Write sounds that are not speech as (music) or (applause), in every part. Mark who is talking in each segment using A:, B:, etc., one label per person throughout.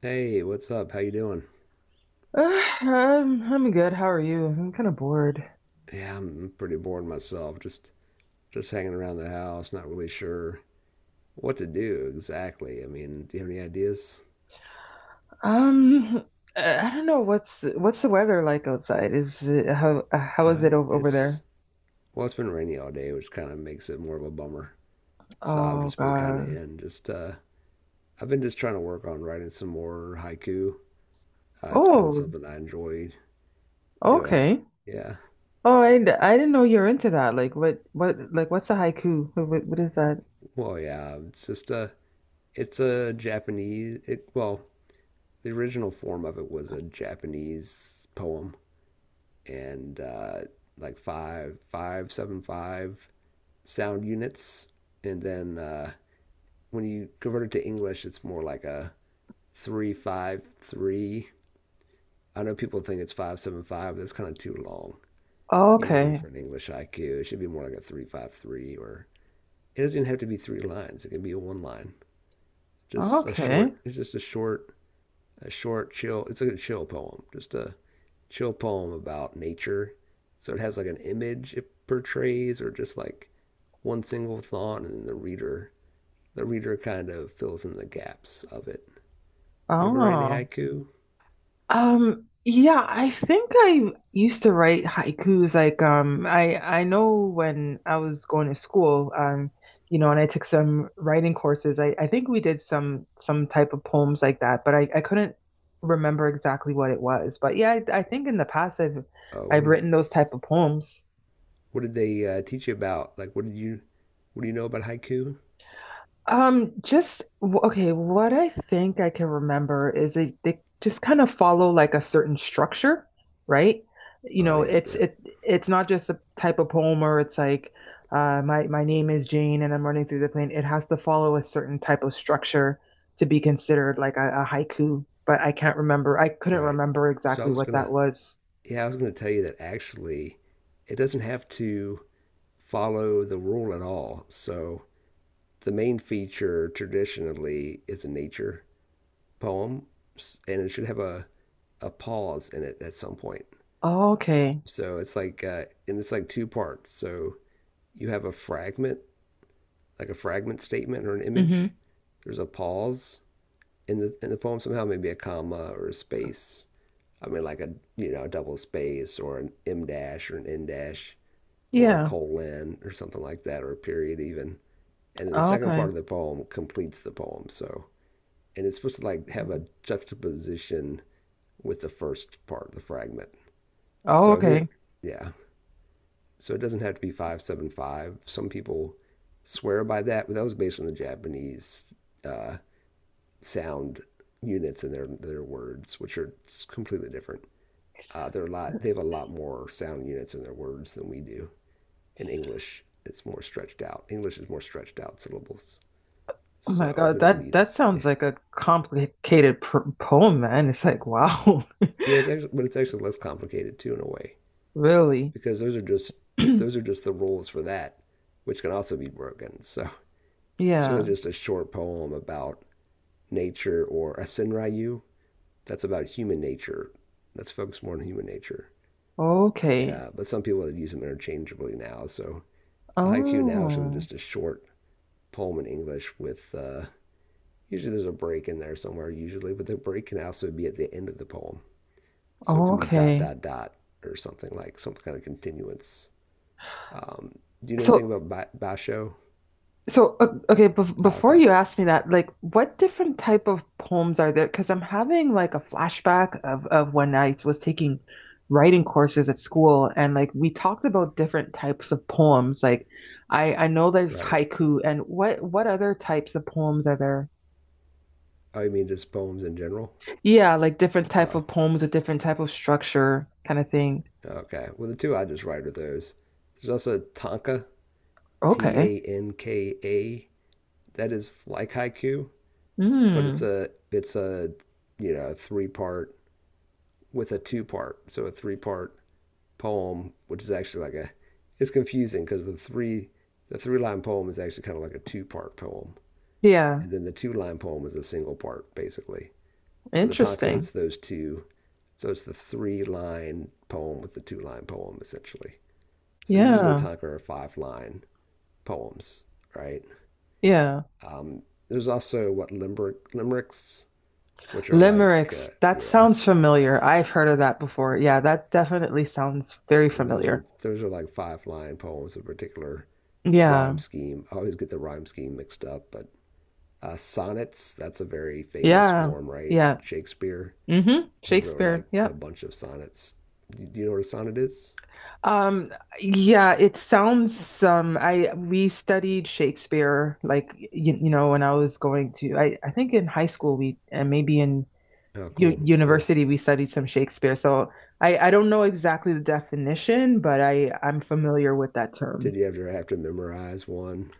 A: Hey, what's up? How you doing?
B: (sighs) Uh, I'm good. How are you? I'm kind of bored.
A: Yeah, I'm pretty bored myself. Just hanging around the house, not really sure what to do exactly. I mean, do you have any ideas?
B: Um, I don't know what's the weather like outside? Is it, how is
A: Uh,
B: it
A: it-
B: over
A: it's
B: there?
A: well, it's been rainy all day, which kind of makes it more of a bummer. So I've
B: Oh
A: just been kind of
B: God.
A: in. Just I've been just trying to work on writing some more haiku. It's kind of
B: Oh,
A: something I enjoy doing.
B: okay.
A: Yeah.
B: Oh, I didn't know you're into that. Like what like what's a haiku? What is that?
A: Well, yeah. It's just a. It's a Japanese. It, well, the original form of it was a Japanese poem and like five, five, seven, five sound units. And then when you convert it to English, it's more like a three, five, three. I know people think it's five, seven, five. But that's kind of too long. Usually
B: Okay.
A: for an English IQ, it should be more like a three, five, three. Or it doesn't even have to be three lines. It can be a one line. Just a
B: Okay.
A: short. It's just a short chill. It's like a chill poem. Just a chill poem about nature. So it has like an image it portrays, or just like one single thought, and then the reader kind of fills in the gaps of it. You ever write any
B: Oh.
A: haiku?
B: Yeah, I think I used to write haikus. Like, I know when I was going to school, and I took some writing courses. I think we did some type of poems like that, but I couldn't remember exactly what it was. But yeah, I think in the past I've
A: What
B: I've
A: did
B: written those type of poems.
A: what did they teach you about? Like, what did you what do you know about haiku?
B: Okay, what I think I can remember is they just kind of follow like a certain structure, right? You
A: Oh
B: know,
A: yeah,
B: it's
A: yeah,
B: it it's not just a type of poem where it's like my name is Jane and I'm running through the plane. It has to follow a certain type of structure to be considered like a haiku, but I can't remember. I couldn't
A: right.
B: remember
A: So I
B: exactly
A: was
B: what that
A: gonna
B: was.
A: yeah I was gonna tell you that actually it doesn't have to follow the rule at all. So the main feature traditionally is a nature poem, and it should have a pause in it at some point.
B: Oh, okay.
A: So it's like, and it's like two parts. So you have a fragment, like a fragment statement or an
B: Mm-hmm.
A: image. There's a pause in the poem somehow, maybe a comma or a space. I mean, like a a double space or an m dash or an n dash or a
B: Yeah.
A: colon or something like that or a period even. And then the
B: Oh,
A: second part
B: okay.
A: of the poem completes the poem. So and it's supposed to like have a juxtaposition with the first part, the fragment.
B: Oh,
A: So here,
B: okay.
A: yeah, so it doesn't have to be 575. Some people swear by that, but that was based on the Japanese uh, sound units in their words, which are completely different. They're a lot. They have a lot more sound units in their words than we do. In English, it's more stretched out. English is more stretched out syllables,
B: Oh my
A: so
B: God,
A: we don't
B: that
A: need
B: that
A: as (laughs) yeah.
B: sounds like a complicated pr poem, man. It's like, wow.
A: Yeah, it's actually, but it's actually less complicated too in a way
B: (laughs) Really?
A: because those are just those are
B: (clears throat)
A: just the rules for that, which can also be broken. So it's really
B: Yeah.
A: just a short poem about nature or a Senryu. That's about human nature. That's focused more on human nature.
B: Okay.
A: Yeah, but some people use them interchangeably now. So a haiku now is really
B: Oh.
A: just a short poem in English with usually there's a break in there somewhere usually, but the break can also be at the end of the poem. So it can be dot
B: Okay.
A: dot dot or something like some kind of continuance. Um, do you know
B: So
A: anything about basho?
B: okay,
A: Ah,
B: before
A: okay,
B: you ask me that, like what different type of poems are there? Because I'm having like a flashback of when I was taking writing courses at school and like we talked about different types of poems. Like I know there's
A: right.
B: haiku and what other types of poems are there?
A: Oh, you mean just poems in general?
B: Yeah, like different type
A: Oh,
B: of poems, a different type of structure kind of thing.
A: okay. Well, the two I just write are those. There's also tanka, T
B: Okay.
A: A N K A. That is like haiku, but it's
B: Mm.
A: a it's a you know three-part with a two part, so a three-part poem, which is actually like a it's confusing because the three line poem is actually kind of like a two-part poem,
B: Yeah.
A: and then the two line poem is a single part basically. So the tanka
B: Interesting.
A: is those two. So it's the three line poem with the two line poem essentially. So usually
B: Yeah.
A: tanka are five line poems, right?
B: Yeah.
A: Um, there's also what limericks, which are like
B: Limericks. That
A: yeah,
B: sounds familiar. I've heard of that before. Yeah, that definitely sounds very
A: and those
B: familiar.
A: are those are like five line poems of a particular rhyme
B: Yeah.
A: scheme. I always get the rhyme scheme mixed up, but sonnets, that's a very famous
B: Yeah.
A: form, right?
B: Yeah.
A: Shakespeare,
B: Mm-hmm.
A: he wrote like
B: Shakespeare.
A: a
B: Yep.
A: bunch of sonnets. Do you know what a sonnet is?
B: Um, yeah, it sounds I we studied Shakespeare like you know when I was going to. I think in high school, we and maybe in
A: Oh,
B: u
A: cool, cool.
B: university, we studied some Shakespeare, so I don't know exactly the definition, but I'm familiar with that term.
A: Did you ever have to memorize one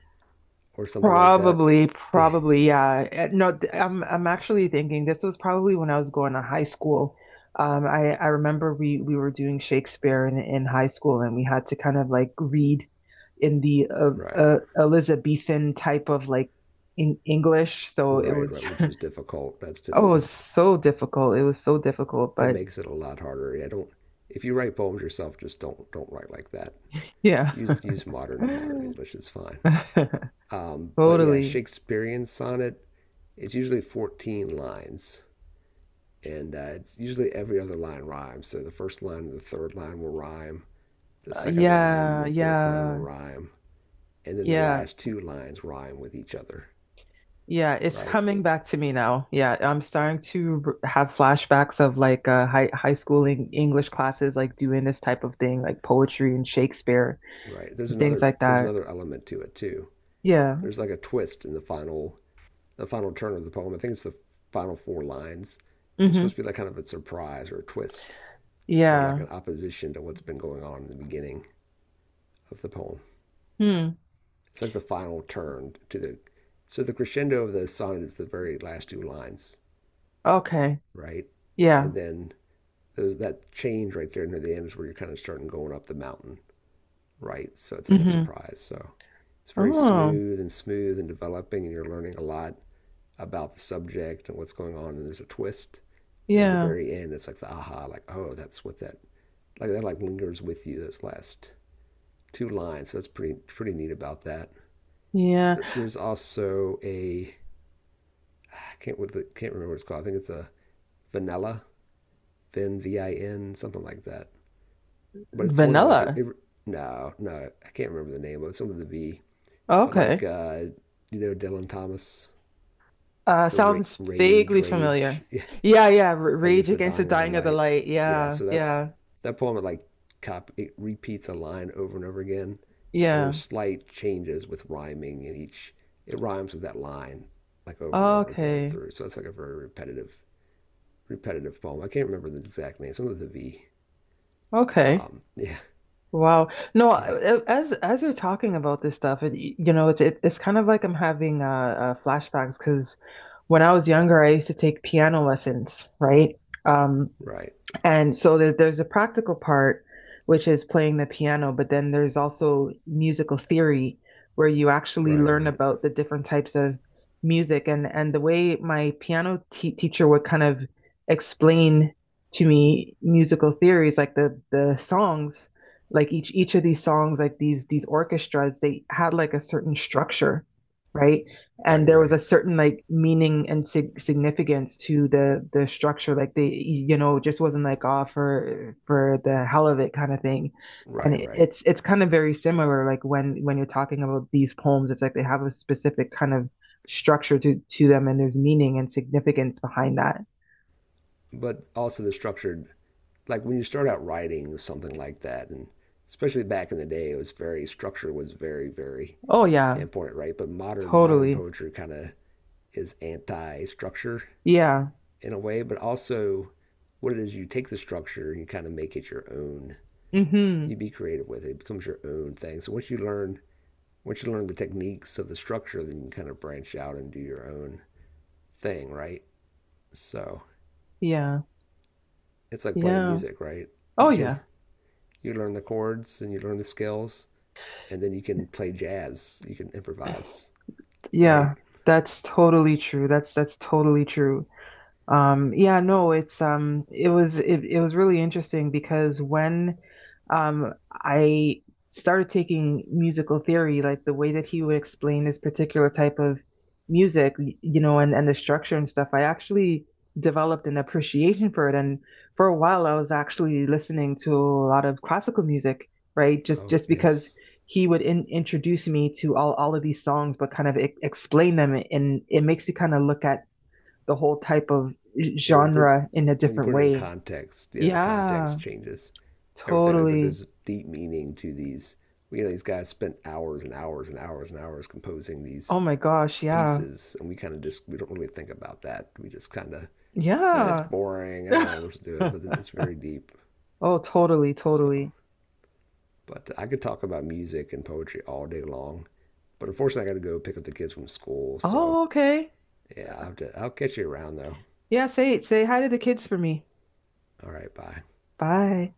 A: or something like that?
B: Probably,
A: (laughs)
B: probably, yeah. No, I'm actually thinking this was probably when I was going to high school. I remember we were doing Shakespeare in high school, and we had to kind of like read in the
A: Right,
B: Elizabethan type of like in English. So it
A: right,
B: was.
A: right.
B: (laughs)
A: Which is difficult. That's
B: Oh, it was
A: difficult.
B: so difficult. It was so difficult,
A: It
B: but
A: makes it a lot harder. I don't. If you write poems yourself, just don't write like that.
B: yeah.
A: Use modern English. It's fine.
B: (laughs) (laughs)
A: But yeah,
B: Totally.
A: Shakespearean sonnet. It's usually 14 lines, and it's usually every other line rhymes. So the first line and the third line will rhyme. The second line and
B: Yeah,
A: the fourth line will
B: yeah,
A: rhyme, and then the
B: yeah,
A: last two lines rhyme with each other.
B: yeah. It's
A: Right,
B: coming back to me now. Yeah, I'm starting to have flashbacks of like high school English classes, like doing this type of thing, like poetry and Shakespeare
A: right. There's
B: and things
A: another
B: like
A: there's
B: that.
A: another element to it too.
B: Yeah.
A: There's like a twist in the final turn of the poem. I think it's the final four lines. There's
B: Mm-hmm.
A: supposed to be like kind of a surprise or a twist or like
B: Yeah.
A: an opposition to what's been going on in the beginning of the poem.
B: Hmm.
A: It's like the final turn to the so the crescendo of the sonnet is the very last two lines,
B: Okay.
A: right?
B: Yeah.
A: And then there's that change right there near the end is where you're kind of starting going up the mountain, right? So it's like a
B: Mm-hmm.
A: surprise. So it's very
B: Oh.
A: smooth and developing, and you're learning a lot about the subject and what's going on, and there's a twist. And at the
B: Yeah.
A: very end, it's like the aha, like oh, that's what that like lingers with you. Those last two lines. So that's pretty pretty neat about that.
B: Yeah.
A: There's also a I can't with the, can't remember what it's called. I think it's a vanilla vin v I n something like that. But it's one that like
B: Vanilla.
A: no no I can't remember the name. But it. Some of the V. But
B: Okay.
A: like you know Dylan Thomas, the
B: Sounds
A: rage
B: vaguely familiar.
A: rage (laughs)
B: Yeah, yeah. R Rage
A: against the
B: Against the
A: dying of the
B: Dying of the
A: light.
B: Light.
A: Yeah,
B: Yeah,
A: so that
B: yeah,
A: that poem it like cop it repeats a line over and over again, and
B: yeah.
A: there's slight changes with rhyming in each. It rhymes with that line like over and over again
B: Okay,
A: through. So it's like a very repetitive poem. I can't remember the exact name. Something with a V.
B: okay.
A: (laughs) Yeah,
B: Wow. No,
A: yeah,
B: as you're talking about this stuff, it's kind of like I'm having flashbacks because when I was younger, I used to take piano lessons, right? Um,
A: right,
B: And so there's a practical part, which is playing the piano, but then there's also musical theory, where you actually
A: right,
B: learn
A: right,
B: about the different types of music. And the way my piano te teacher would kind of explain to me musical theories, like the songs, like each of these songs, like these orchestras, they had like a certain structure, right? And
A: right,
B: there was
A: right,
B: a certain like meaning and significance to the structure, like they just wasn't like, oh, for the hell of it kind of thing. And
A: right,
B: it,
A: right.
B: it's it's kind of very similar, like when you're talking about these poems, it's like they have a specific kind of structure to them, and there's meaning and significance behind that.
A: But also the structured, like when you start out writing something like that, and especially back in the day, it was very structure was very very
B: Oh yeah.
A: important, right? But modern
B: Totally.
A: poetry kind of is anti structure
B: Yeah.
A: in a way, but also what it is you take the structure and you kind of make it your own.
B: Mm-hmm.
A: You be creative with it. It becomes your own thing. So once you learn the techniques of the structure, then you can kind of branch out and do your own thing, right? So
B: Yeah.
A: it's like playing
B: Yeah.
A: music, right?
B: Oh
A: You can
B: yeah.
A: you learn the chords and you learn the skills and then you can play jazz. You can improvise, right?
B: Yeah. That's totally true. That's totally true. Yeah, no, it's it was it, it was really interesting because when I started taking musical theory, like the way that he would explain this particular type of music, you know, and the structure and stuff, I actually developed an appreciation for it. And for a while, I was actually listening to a lot of classical music, right? Just
A: Oh
B: just because
A: yes.
B: he would introduce me to all of these songs, but kind of e explain them, and it makes you kind of look at the whole type of
A: Yeah,
B: genre in a
A: when you
B: different
A: put it in
B: way.
A: context, yeah, the
B: Yeah,
A: context changes everything. There's like
B: totally.
A: there's deep meaning to these. You know, these guys spent hours and hours and hours and hours composing these
B: Oh my gosh, yeah.
A: pieces, and we kind of just we don't really think about that. We just kind of that's eh,
B: Yeah.
A: boring. I don't want to
B: (laughs)
A: listen to it, but it's very deep.
B: Oh, totally,
A: So,
B: totally.
A: but I could talk about music and poetry all day long, but unfortunately, I got to go pick up the kids from school. So,
B: Oh, okay.
A: yeah, I'll, have to, I'll catch you around though.
B: Yeah, say hi to the kids for me.
A: All right, bye.
B: Bye.